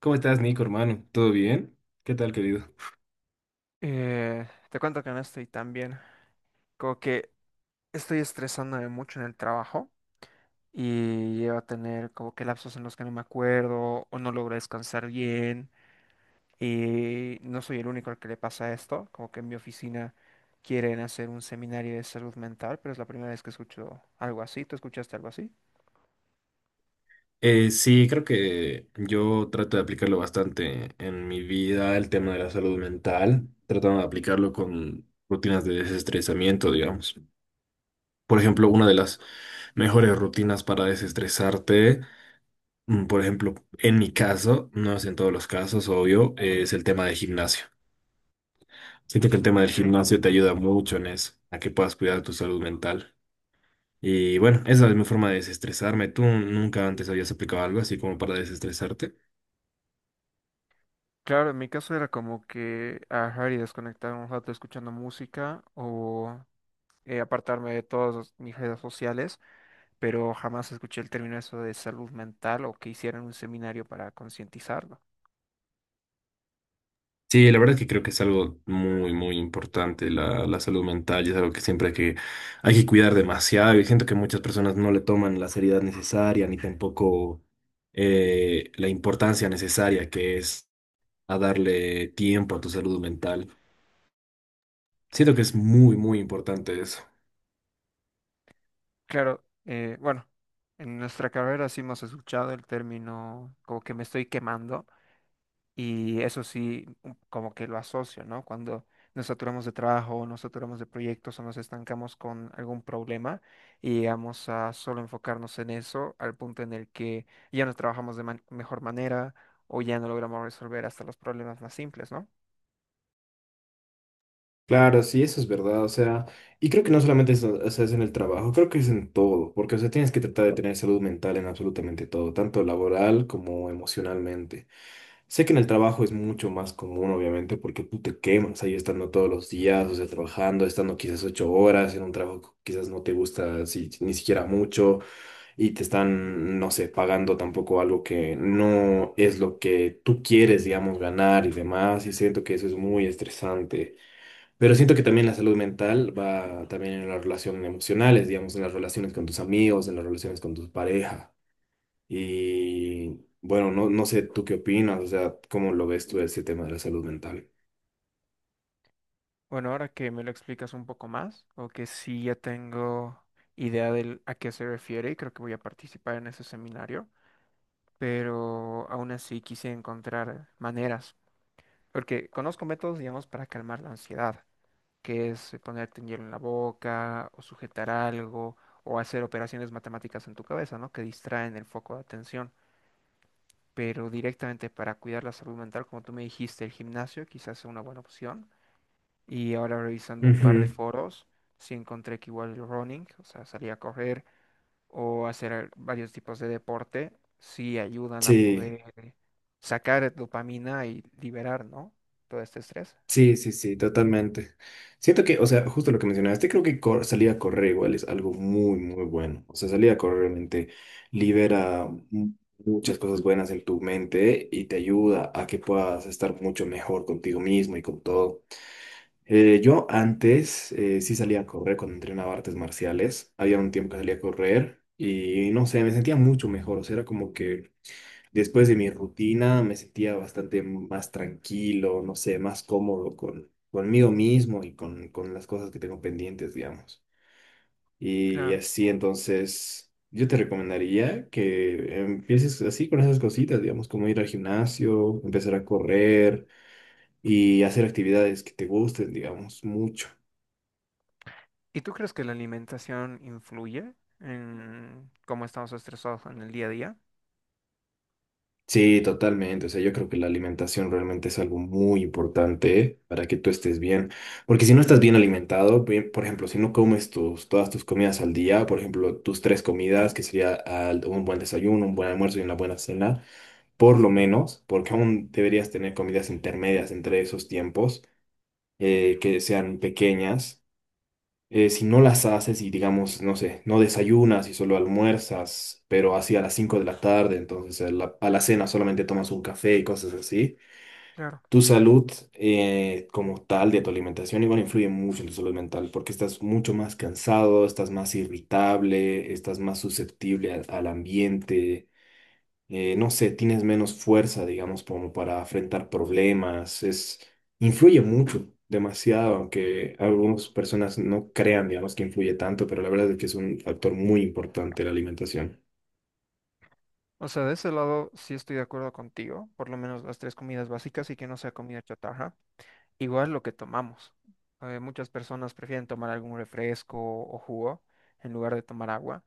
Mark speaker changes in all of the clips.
Speaker 1: ¿Cómo estás, Nico, hermano? ¿Todo bien? ¿Qué tal, querido?
Speaker 2: Eh, Te cuento que no estoy tan bien. Como que estoy estresándome mucho en el trabajo y llevo a tener como que lapsos en los que no me acuerdo o no logro descansar bien. Y no soy el único al que le pasa esto. Como que en mi oficina quieren hacer un seminario de salud mental, pero es la primera vez que escucho algo así. ¿Tú escuchaste algo así?
Speaker 1: Sí, creo que yo trato de aplicarlo bastante en mi vida, el tema de la salud mental, tratando de aplicarlo con rutinas de desestresamiento, digamos. Por ejemplo, una de las mejores rutinas para desestresarte, por ejemplo, en mi caso, no es en todos los casos, obvio, es el tema del gimnasio. Siento que el tema del
Speaker 2: Okay.
Speaker 1: gimnasio te ayuda mucho en eso, a que puedas cuidar tu salud mental. Y bueno, esa es mi forma de desestresarme. ¿Tú nunca antes habías aplicado algo así como para desestresarte?
Speaker 2: Claro, en mi caso era como que agarrar y desconectar un rato escuchando música o apartarme de todas mis redes sociales, pero jamás escuché el término eso de salud mental o que hicieran un seminario para concientizarlo.
Speaker 1: Sí, la verdad es que creo que es algo muy, muy importante. La salud mental y es algo que siempre hay que cuidar demasiado. Y siento que muchas personas no le toman la seriedad necesaria ni tampoco la importancia necesaria que es a darle tiempo a tu salud mental. Siento que es muy, muy importante eso.
Speaker 2: Claro, bueno, en nuestra carrera sí hemos escuchado el término como que me estoy quemando y eso sí como que lo asocio, ¿no? Cuando nos saturamos de trabajo, nos saturamos de proyectos o nos estancamos con algún problema y llegamos a solo enfocarnos en eso al punto en el que ya no trabajamos de mejor manera o ya no logramos resolver hasta los problemas más simples, ¿no?
Speaker 1: Claro, sí, eso es verdad, o sea, y creo que no solamente es, o sea, es en el trabajo, creo que es en todo, porque, o sea, tienes que tratar de tener salud mental en absolutamente todo, tanto laboral como emocionalmente. Sé que en el trabajo es mucho más común, obviamente, porque tú te quemas ahí estando todos los días, o sea, trabajando, estando quizás 8 horas en un trabajo que quizás no te gusta si, ni siquiera mucho, y te están, no sé, pagando tampoco algo que no es lo que tú quieres, digamos, ganar y demás, y siento que eso es muy estresante. Pero siento que también la salud mental va también en las relaciones emocionales, digamos, en las relaciones con tus amigos, en las relaciones con tus parejas. Y bueno, no sé tú qué opinas, o sea, ¿cómo lo ves tú ese tema de la salud mental?
Speaker 2: Bueno, ahora que me lo explicas un poco más, o que sí ya tengo idea de a qué se refiere, y creo que voy a participar en ese seminario, pero aún así quise encontrar maneras, porque conozco métodos, digamos, para calmar la ansiedad, que es ponerte hielo en la boca o sujetar algo o hacer operaciones matemáticas en tu cabeza, ¿no? Que distraen el foco de atención, pero directamente para cuidar la salud mental, como tú me dijiste, el gimnasio quizás sea una buena opción. Y ahora revisando un par de
Speaker 1: Ujú.
Speaker 2: foros, sí encontré que igual el running, o sea, salir a correr o hacer varios tipos de deporte, sí ayudan a
Speaker 1: Sí,
Speaker 2: poder sacar dopamina y liberar, ¿no? Todo este estrés.
Speaker 1: sí, sí, sí, totalmente. Siento que, o sea, justo lo que mencionaste, creo que salir a correr igual es algo muy, muy bueno. O sea, salir a correr realmente libera muchas cosas buenas en tu mente y te ayuda a que puedas estar mucho mejor contigo mismo y con todo. Yo antes sí salía a correr cuando entrenaba artes marciales. Había un tiempo que salía a correr y no sé, me sentía mucho mejor. O sea, era como que después de mi rutina me sentía bastante más tranquilo, no sé, más cómodo conmigo mismo y con las cosas que tengo pendientes, digamos. Y
Speaker 2: Claro.
Speaker 1: así, entonces, yo te recomendaría que empieces así con esas cositas, digamos, como ir al gimnasio, empezar a correr y hacer actividades que te gusten, digamos, mucho.
Speaker 2: ¿Y tú crees que la alimentación influye en cómo estamos estresados en el día a día?
Speaker 1: Sí, totalmente. O sea, yo creo que la alimentación realmente es algo muy importante para que tú estés bien. Porque si no estás bien alimentado, bien, por ejemplo, si no comes todas tus comidas al día, por ejemplo, tus 3 comidas, que sería un buen desayuno, un buen almuerzo y una buena cena, por lo menos, porque aún deberías tener comidas intermedias entre esos tiempos, que sean pequeñas. Si no las haces y digamos, no sé, no desayunas y solo almuerzas, pero así a las 5 de la tarde, entonces a a la cena solamente tomas un café y cosas así,
Speaker 2: Claro.
Speaker 1: tu salud, como tal de tu alimentación, igual influye mucho en tu salud mental porque estás mucho más cansado, estás más irritable, estás más susceptible al ambiente. No sé, tienes menos fuerza, digamos, como para afrontar problemas, es, influye mucho, demasiado, aunque algunas personas no crean, digamos, que influye tanto, pero la verdad es que es un factor muy importante la alimentación.
Speaker 2: O sea, de ese lado sí estoy de acuerdo contigo, por lo menos las tres comidas básicas y que no sea comida chatarra. Igual lo que tomamos. Muchas personas prefieren tomar algún refresco o jugo en lugar de tomar agua,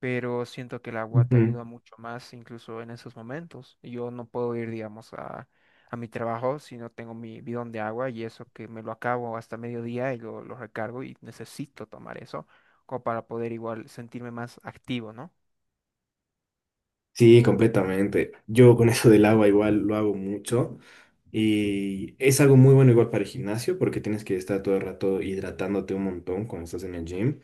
Speaker 2: pero siento que el agua te
Speaker 1: Ujú.
Speaker 2: ayuda mucho más incluso en esos momentos. Yo no puedo ir, digamos, a mi trabajo si no tengo mi bidón de agua, y eso que me lo acabo hasta mediodía y lo recargo y necesito tomar eso como para poder igual sentirme más activo,
Speaker 1: Sí, completamente. Yo con eso del agua igual lo hago mucho y es algo muy bueno igual para el gimnasio porque tienes que estar todo el rato hidratándote un montón cuando estás en el gym.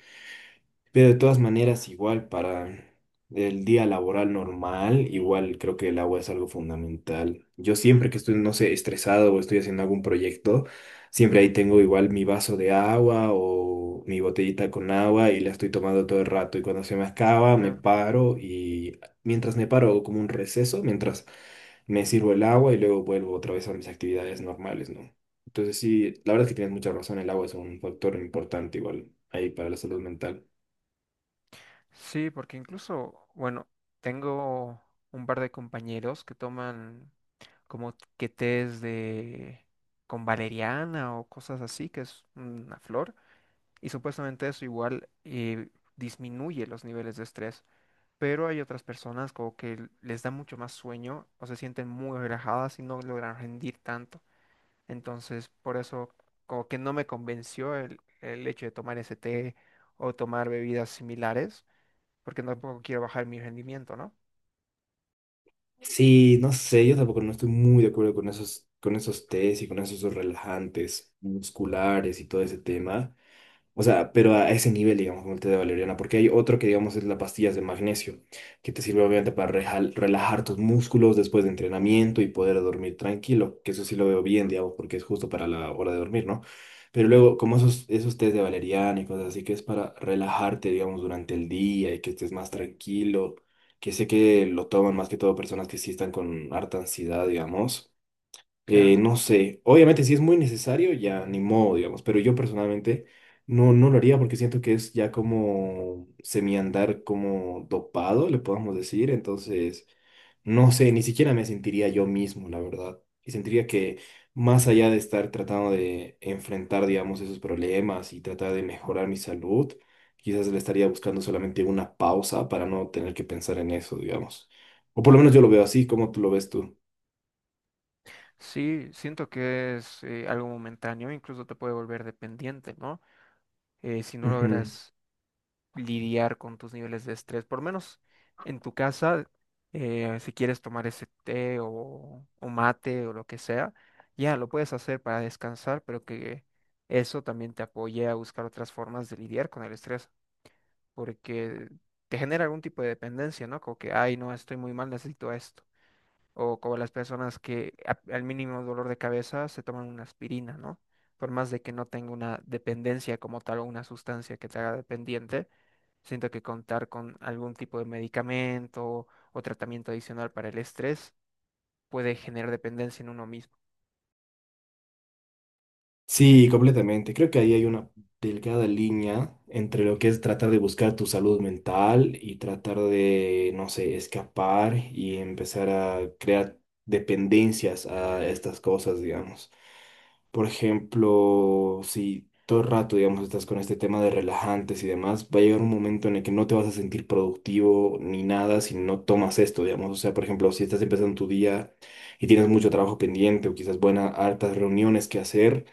Speaker 1: Pero de todas maneras, igual para el día laboral normal, igual creo que el agua es algo fundamental. Yo siempre que estoy, no sé, estresado o estoy haciendo algún proyecto, siempre ahí tengo igual mi vaso de agua o mi botellita con agua y la estoy tomando todo el rato. Y cuando se me acaba, me
Speaker 2: ¿no?
Speaker 1: paro y mientras me paro hago como un receso, mientras me sirvo el agua y luego vuelvo otra vez a mis actividades normales, ¿no? Entonces sí, la verdad es que tienes mucha razón, el agua es un factor importante igual ahí para la salud mental.
Speaker 2: Sí, porque incluso, bueno, tengo un par de compañeros que toman como que tés de con valeriana o cosas así, que es una flor, y supuestamente eso igual disminuye los niveles de estrés. Pero hay otras personas como que les da mucho más sueño o se sienten muy relajadas y no logran rendir tanto. Entonces, por eso como que no me convenció el hecho de tomar ese té o tomar bebidas similares, porque tampoco quiero bajar mi rendimiento, ¿no?
Speaker 1: Sí, no sé, yo tampoco no estoy muy de acuerdo con esos tés y con esos relajantes musculares y todo ese tema. O sea, pero a ese nivel, digamos, con el té de valeriana, porque hay otro que, digamos, es las pastillas de magnesio, que te sirve obviamente para relajar tus músculos después de entrenamiento y poder dormir tranquilo, que eso sí lo veo bien, digamos, porque es justo para la hora de dormir, ¿no? Pero luego, como esos tés de valeriana y cosas así, que es para relajarte, digamos, durante el día y que estés más tranquilo, que sé que lo toman más que todo personas que sí están con harta ansiedad, digamos.
Speaker 2: Claro.
Speaker 1: No sé, obviamente si es muy necesario, ya ni modo, digamos, pero yo personalmente no lo haría porque siento que es ya como semiandar como dopado, le podamos decir, entonces no sé, ni siquiera me sentiría yo mismo, la verdad, y sentiría que más allá de estar tratando de enfrentar, digamos, esos problemas y tratar de mejorar mi salud, quizás le estaría buscando solamente una pausa para no tener que pensar en eso, digamos, o por lo menos yo lo veo así, como tú lo ves tú.
Speaker 2: Sí, siento que es algo momentáneo, incluso te puede volver dependiente, ¿no? Si no logras lidiar con tus niveles de estrés, por menos en tu casa, si quieres tomar ese té o mate o lo que sea, ya lo puedes hacer para descansar, pero que eso también te apoye a buscar otras formas de lidiar con el estrés, porque te genera algún tipo de dependencia, ¿no? Como que, ay, no, estoy muy mal, necesito esto. O como las personas que al mínimo dolor de cabeza se toman una aspirina, ¿no? Por más de que no tenga una dependencia como tal o una sustancia que te haga dependiente, siento que contar con algún tipo de medicamento o tratamiento adicional para el estrés puede generar dependencia en uno mismo.
Speaker 1: Sí, completamente. Creo que ahí hay una delgada línea entre lo que es tratar de buscar tu salud mental y tratar de, no sé, escapar y empezar a crear dependencias a estas cosas, digamos. Por ejemplo, si todo el rato, digamos, estás con este tema de relajantes y demás, va a llegar un momento en el que no te vas a sentir productivo ni nada si no tomas esto, digamos. O sea, por ejemplo, si estás empezando tu día y tienes mucho trabajo pendiente o quizás buenas, hartas reuniones que hacer,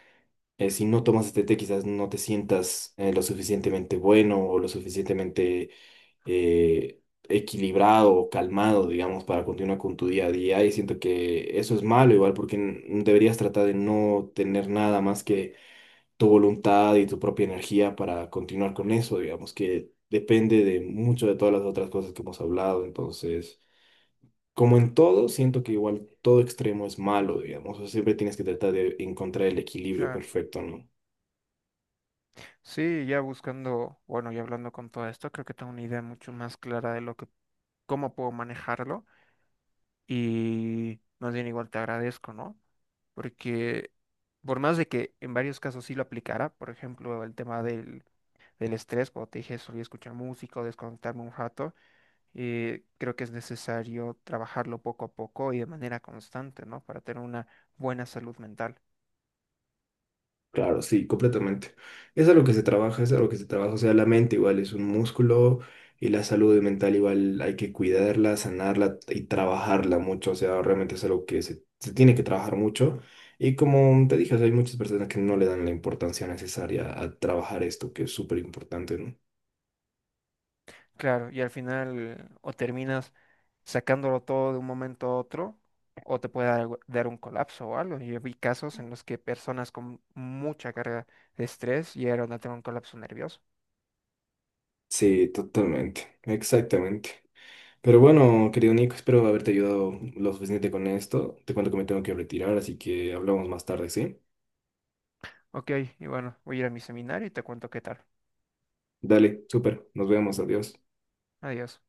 Speaker 1: si no tomas este té, quizás no te sientas lo suficientemente bueno o lo suficientemente eh, equilibrado o calmado, digamos, para continuar con tu día a día. Y siento que eso es malo, igual, porque deberías tratar de no tener nada más que tu voluntad y tu propia energía para continuar con eso, digamos, que depende de mucho de todas las otras cosas que hemos hablado. Entonces. Como en todo, siento que igual todo extremo es malo, digamos. O sea, siempre tienes que tratar de encontrar el equilibrio
Speaker 2: Claro.
Speaker 1: perfecto, ¿no?
Speaker 2: Sí, ya buscando, bueno, y hablando con todo esto, creo que tengo una idea mucho más clara de lo que, cómo puedo manejarlo, y más bien igual te agradezco, ¿no? Porque por más de que en varios casos sí lo aplicara, por ejemplo, el tema del estrés, cuando te dije solía escuchar música o desconectarme un rato, creo que es necesario trabajarlo poco a poco y de manera constante, ¿no? Para tener una buena salud mental.
Speaker 1: Claro, sí, completamente. Es a lo que se trabaja, es a lo que se trabaja. O sea, la mente igual es un músculo y la salud mental igual hay que cuidarla, sanarla y trabajarla mucho. O sea, realmente es algo que se tiene que trabajar mucho. Y como te dije, o sea, hay muchas personas que no le dan la importancia necesaria a trabajar esto, que es súper importante, ¿no?
Speaker 2: Claro, y al final o terminas sacándolo todo de un momento a otro, o te puede dar, dar un colapso o algo. Yo vi casos en los que personas con mucha carga de estrés llegaron a tener un colapso nervioso.
Speaker 1: Sí, totalmente, exactamente. Pero bueno, querido Nico, espero haberte ayudado lo suficiente con esto. Te cuento que me tengo que retirar, así que hablamos más tarde, ¿sí?
Speaker 2: Ok, y bueno, voy a ir a mi seminario y te cuento qué tal.
Speaker 1: Dale, súper, nos vemos, adiós.
Speaker 2: Adiós.